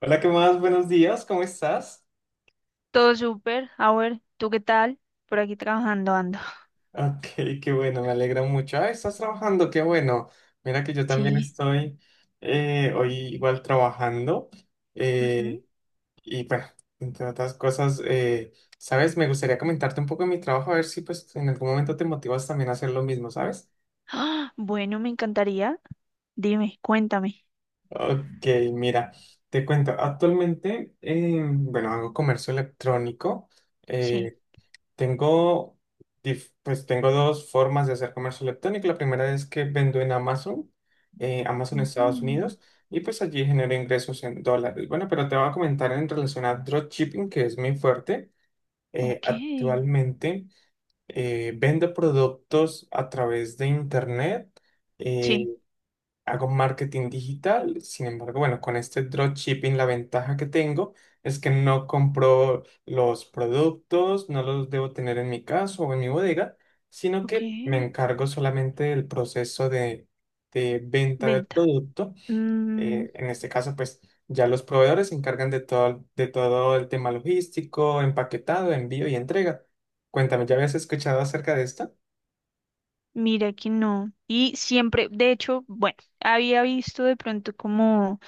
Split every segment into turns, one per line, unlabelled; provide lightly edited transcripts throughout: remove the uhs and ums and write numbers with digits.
Hola, ¿qué más? Buenos días, ¿cómo estás?
Todo súper. A ver, ¿tú qué tal? Por aquí trabajando ando.
Ok, qué bueno, me alegra mucho. Ah, estás trabajando, qué bueno. Mira que yo también
Sí,
estoy hoy igual trabajando.
ujú.
eh, y bueno, entre otras cosas, ¿sabes? Me gustaría comentarte un poco de mi trabajo, a ver si pues en algún momento te motivas también a hacer lo mismo, ¿sabes?
¡Ah! Bueno, me encantaría. Dime, cuéntame.
Ok, mira, te cuento. Actualmente, bueno, hago comercio electrónico.
Sí.
eh, Tengo, pues tengo dos formas de hacer comercio electrónico. La primera es que vendo en Amazon, Amazon Estados
Mm,
Unidos, y pues allí genero ingresos en dólares. Bueno, pero te voy a comentar en relación a dropshipping, que es mi fuerte.
ok.
Actualmente vendo productos a través de internet. eh,
Sí,
Hago marketing digital. Sin embargo, bueno, con este dropshipping la ventaja que tengo es que no compro los productos, no los debo tener en mi casa o en mi bodega, sino
ok.
que me encargo solamente del proceso de venta del
Venta.
producto
Mm,
en este caso, pues ya los proveedores se encargan de todo el tema logístico, empaquetado, envío y entrega. Cuéntame, ¿ya habías escuchado acerca de esto?
mira que no. Y siempre, de hecho, bueno, había visto de pronto como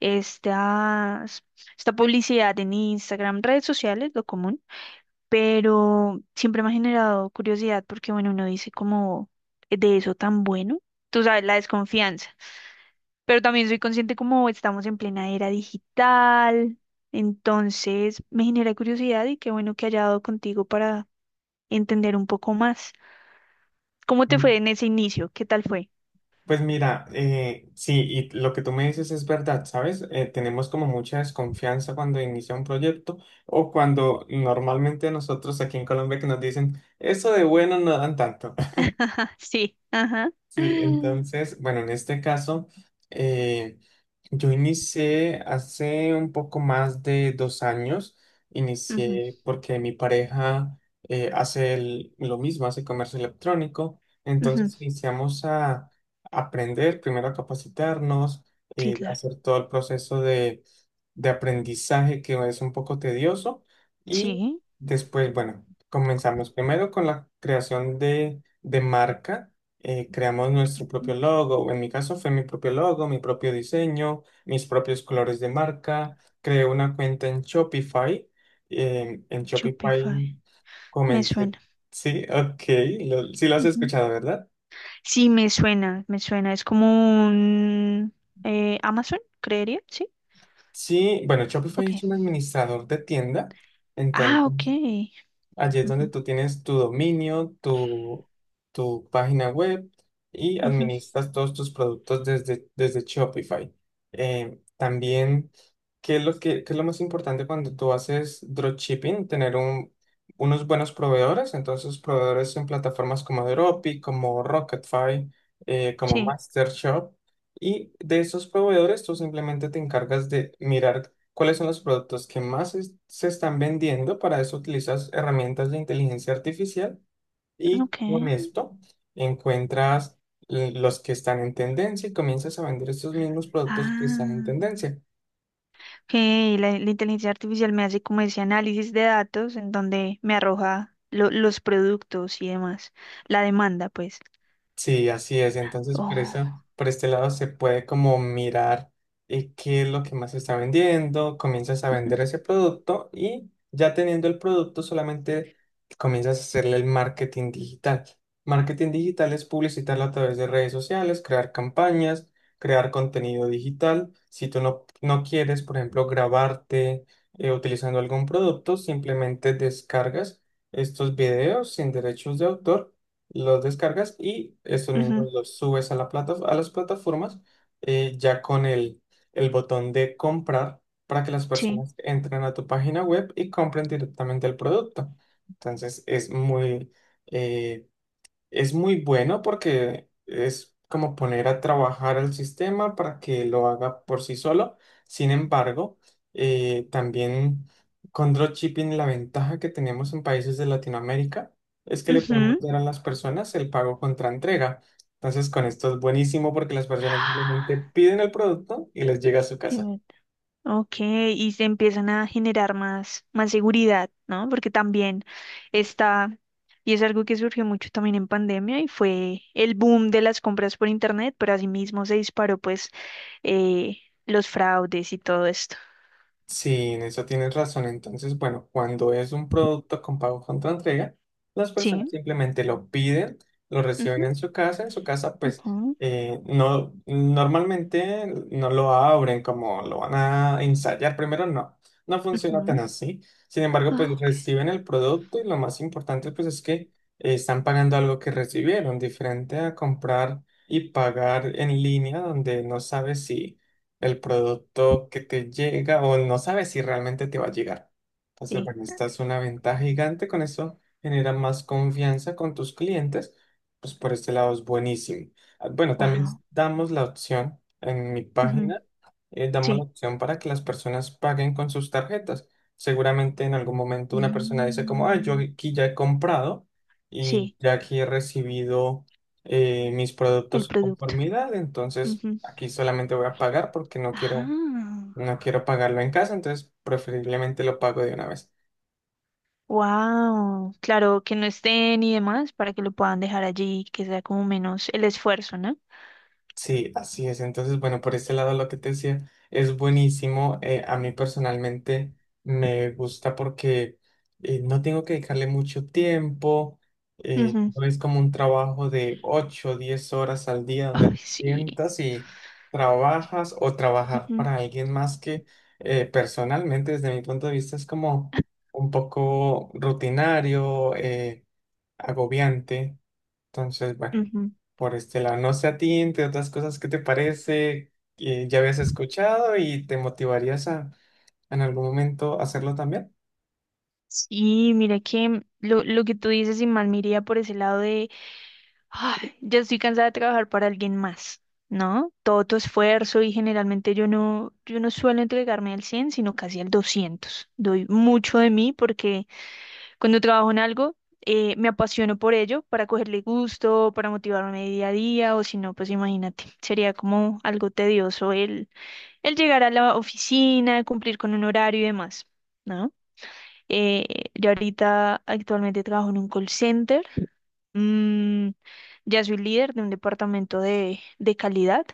estas, esta publicidad en Instagram, redes sociales, lo común. Pero siempre me ha generado curiosidad porque, bueno, uno dice como de eso tan bueno, tú sabes, la desconfianza, pero también soy consciente como estamos en plena era digital, entonces me genera curiosidad y qué bueno que haya dado contigo para entender un poco más. ¿Cómo te fue
Mm.
en ese inicio? ¿Qué tal fue?
Pues mira, sí, y lo que tú me dices es verdad, ¿sabes? Tenemos como mucha desconfianza cuando inicia un proyecto o cuando normalmente nosotros aquí en Colombia que nos dicen, eso de bueno no dan tanto.
Ajá, sí, ajá.
Sí, entonces, bueno, en este caso, eh, yo inicié hace un poco más de 2 años,
Ujú,
inicié porque mi pareja hace lo mismo, hace comercio electrónico,
ujú,
entonces iniciamos a aprender, primero a capacitarnos,
sí, claro.
hacer todo el proceso de aprendizaje que es un poco tedioso y
Sí,
después, bueno, comenzamos primero con la creación de marca. Creamos nuestro propio logo. En mi caso fue mi propio logo, mi propio diseño, mis propios colores de marca. Creé una cuenta en Shopify. En Shopify
Shopify, me
comencé.
suena.
Sí, ok, sí lo has
Ujú.
escuchado, ¿verdad?
Sí, me suena, me suena. Es como un, Amazon, creería, ¿sí?
Sí, bueno, Shopify
Ok.
es un administrador de tienda.
Ah, ok.
Entonces, allí es donde
Ujú,
tú tienes tu dominio, tu página web y
ujú,
administras todos tus productos desde Shopify. También, ¿qué es lo que, qué es lo más importante cuando tú haces dropshipping? Unos buenos proveedores. Entonces, proveedores en plataformas como Dropi, como Rocketfy, como
sí,
MasterShop. Y de esos proveedores, tú simplemente te encargas de mirar cuáles son los productos que más se están vendiendo. Para eso utilizas herramientas de inteligencia artificial y
ok.
con esto encuentras los que están en tendencia y comienzas a vender estos mismos productos que están en
Ah,
tendencia.
ok. La inteligencia artificial me hace como ese análisis de datos en donde me arroja los productos y demás. La demanda, pues.
Sí, así es. Entonces,
Oh.
por este lado se puede como mirar qué es lo que más se está vendiendo, comienzas a vender ese producto y ya teniendo el producto solamente comienzas a hacerle el marketing digital. Marketing digital es publicitarlo a través de redes sociales, crear campañas, crear contenido digital. Si tú no quieres, por ejemplo, grabarte utilizando algún producto, simplemente descargas estos videos sin derechos de autor, los descargas y estos
Ujú,
mismos los subes a las plataformas ya con el botón de comprar para que las
sí.
personas entren a tu página web y compren directamente el producto. Entonces es eh, es muy bueno porque es como poner a trabajar al sistema para que lo haga por sí solo. Sin embargo, también con dropshipping la ventaja que tenemos en países de Latinoamérica es que le podemos
Ujú.
dar a las personas el pago contra entrega. Entonces, con esto es buenísimo porque las personas simplemente piden el producto y les llega a su casa.
Bien, ok, y se empiezan a generar más, más seguridad, ¿no? Porque también está, y es algo que surgió mucho también en pandemia, y fue el boom de las compras por internet, pero asimismo se disparó pues eh, los fraudes y todo esto.
Sí, en eso tienes razón. Entonces, bueno, cuando es un producto con pago contra entrega, las personas
Sí.
simplemente lo piden, lo reciben
Ujú,
en su casa. En su casa, pues,
ujú,
no, normalmente no lo abren como lo van a ensayar. Primero, no, no funciona tan
ujú.
así. Sin embargo,
Ah,
pues
ok.
reciben el producto y lo más importante, pues, es que están pagando algo que recibieron, diferente a comprar y pagar en línea, donde no sabes si el producto que te llega o no sabes si realmente te va a llegar. Entonces,
Sí,
bueno, esta es una ventaja gigante, con eso genera más confianza con tus clientes, pues por este lado es buenísimo. Ah, bueno, también
wow.
damos la opción en mi
Ujú,
página damos la
sí.
opción para que las personas paguen con sus tarjetas. Seguramente en algún momento una persona dice como, ah, yo
Mm,
aquí ya he comprado y
sí,
ya aquí he recibido mis
el
productos de
producto.
conformidad, entonces
Ujú.
aquí solamente voy a pagar porque
Ah,
no quiero pagarlo en casa, entonces preferiblemente lo pago de una vez.
wow. Claro, que no estén y demás para que lo puedan dejar allí, que sea como menos el esfuerzo, ¿no?
Sí, así es. Entonces, bueno, por ese lado lo que te decía es buenísimo. A mí personalmente me gusta porque no tengo que dedicarle mucho tiempo.
Ujú.
No es como un trabajo de 8 o 10 horas al día donde
Ay,
te
sí.
sientas y trabajas o trabajar
Ujú,
para alguien más que personalmente, desde mi punto de vista, es como un poco rutinario, agobiante. Entonces, bueno,
ujú.
por este lado. No sé a ti, entre otras cosas, ¿qué te parece? ¿Ya habías escuchado y te motivarías a en algún momento hacerlo también?
Sí, mira que lo que tú dices, y mal me iría por ese lado. Ay, ya estoy cansada de trabajar para alguien más, ¿no? Todo tu esfuerzo y generalmente yo no suelo entregarme al 100, sino casi al 200. Doy mucho de mí porque cuando trabajo en algo, me apasiono por ello, para cogerle gusto, para motivarme día a día, o si no, pues imagínate, sería como algo tedioso el llegar a la oficina, cumplir con un horario y demás, ¿no? Eh, yo ahorita actualmente trabajo en un call center. Mm, ya soy líder de un departamento de calidad,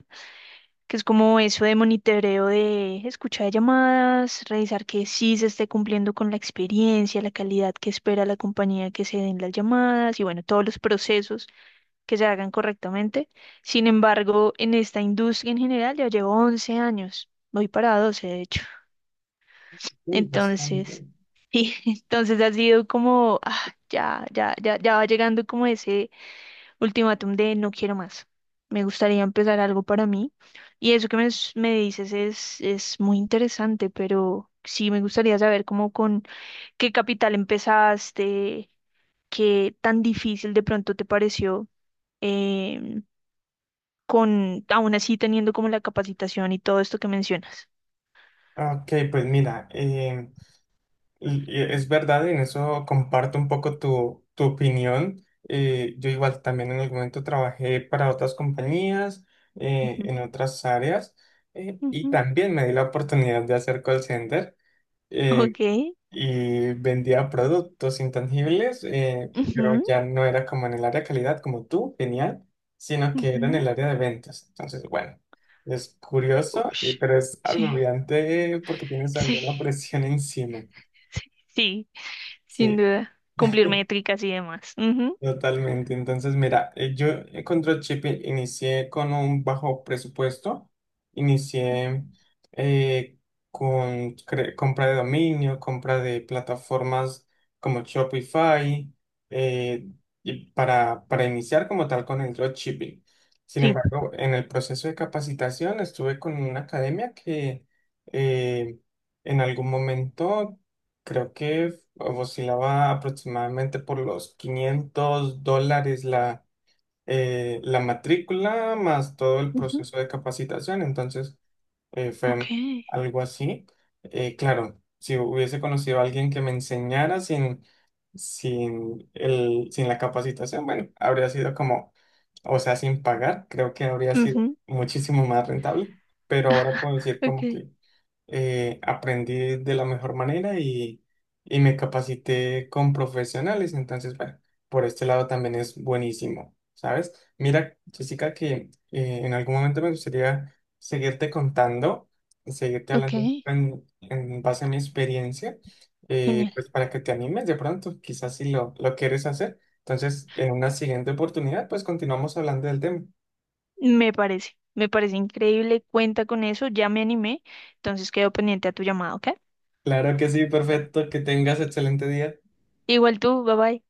que es como eso de monitoreo de escucha de llamadas, revisar que sí se esté cumpliendo con la experiencia, la calidad que espera la compañía que se den las llamadas y bueno, todos los procesos que se hagan correctamente. Sin embargo, en esta industria en general ya llevo 11 años, voy para 12 de hecho.
Sí,
Entonces,
bastante.
y entonces ha sido como, ah, ya, ya, ya, ya va llegando como ese ultimátum de no quiero más. Me gustaría empezar algo para mí. Y eso que me dices es muy interesante, pero sí me gustaría saber cómo con qué capital empezaste, qué tan difícil de pronto te pareció, em, con aún así teniendo como la capacitación y todo esto que mencionas.
Ok, pues mira, y es verdad, en eso comparto un poco tu opinión. Yo igual también en algún momento trabajé para otras compañías,
Ujú,
en otras áreas, y
ujú.
también me di la oportunidad de hacer call center. eh,
Ok.
y vendía productos intangibles, pero
Ujú,
ya no era como en el área de calidad como tú, genial, sino que era en el
ujú.
área de ventas. Entonces, bueno, es curioso,
Ush.
pero es
Sí,
agobiante porque tienes
sí,
alguna presión encima.
sí, sí, sin
Sí.
duda. Cumplir métricas y demás. Ujú.
Totalmente. Entonces, mira, yo con Dropship inicié con un bajo presupuesto. Inicié eh, con compra de dominio, compra de plataformas como Shopify, eh, y para iniciar como tal con el dropshipping. Sin
Sí.
embargo, en el proceso de capacitación estuve con una academia que eh, en algún momento creo que oscilaba aproximadamente por los $500 la matrícula más todo el
Ujú,
proceso de capacitación. Entonces,
ok.
fue algo así. Claro, si hubiese conocido a alguien que me enseñara sin sin la capacitación, bueno, habría sido como, o sea, sin pagar, creo que habría sido
Ujú,
muchísimo más rentable. Pero ahora puedo decir como
ok.
que aprendí de la mejor manera y me capacité con profesionales. Entonces, bueno, por este lado también es buenísimo, ¿sabes? Mira, Jessica, que en algún momento me gustaría seguirte contando, seguirte
Ok.
hablando en base a mi experiencia,
Genial.
pues para que te animes de pronto, quizás si lo quieres hacer. Entonces, en una siguiente oportunidad, pues continuamos hablando del tema.
Me parece. Me parece increíble. Cuenta con eso. Ya me animé. Entonces quedo pendiente a tu llamada, ¿ok?
Claro que sí, perfecto, que tengas excelente día.
Igual tú. Bye bye.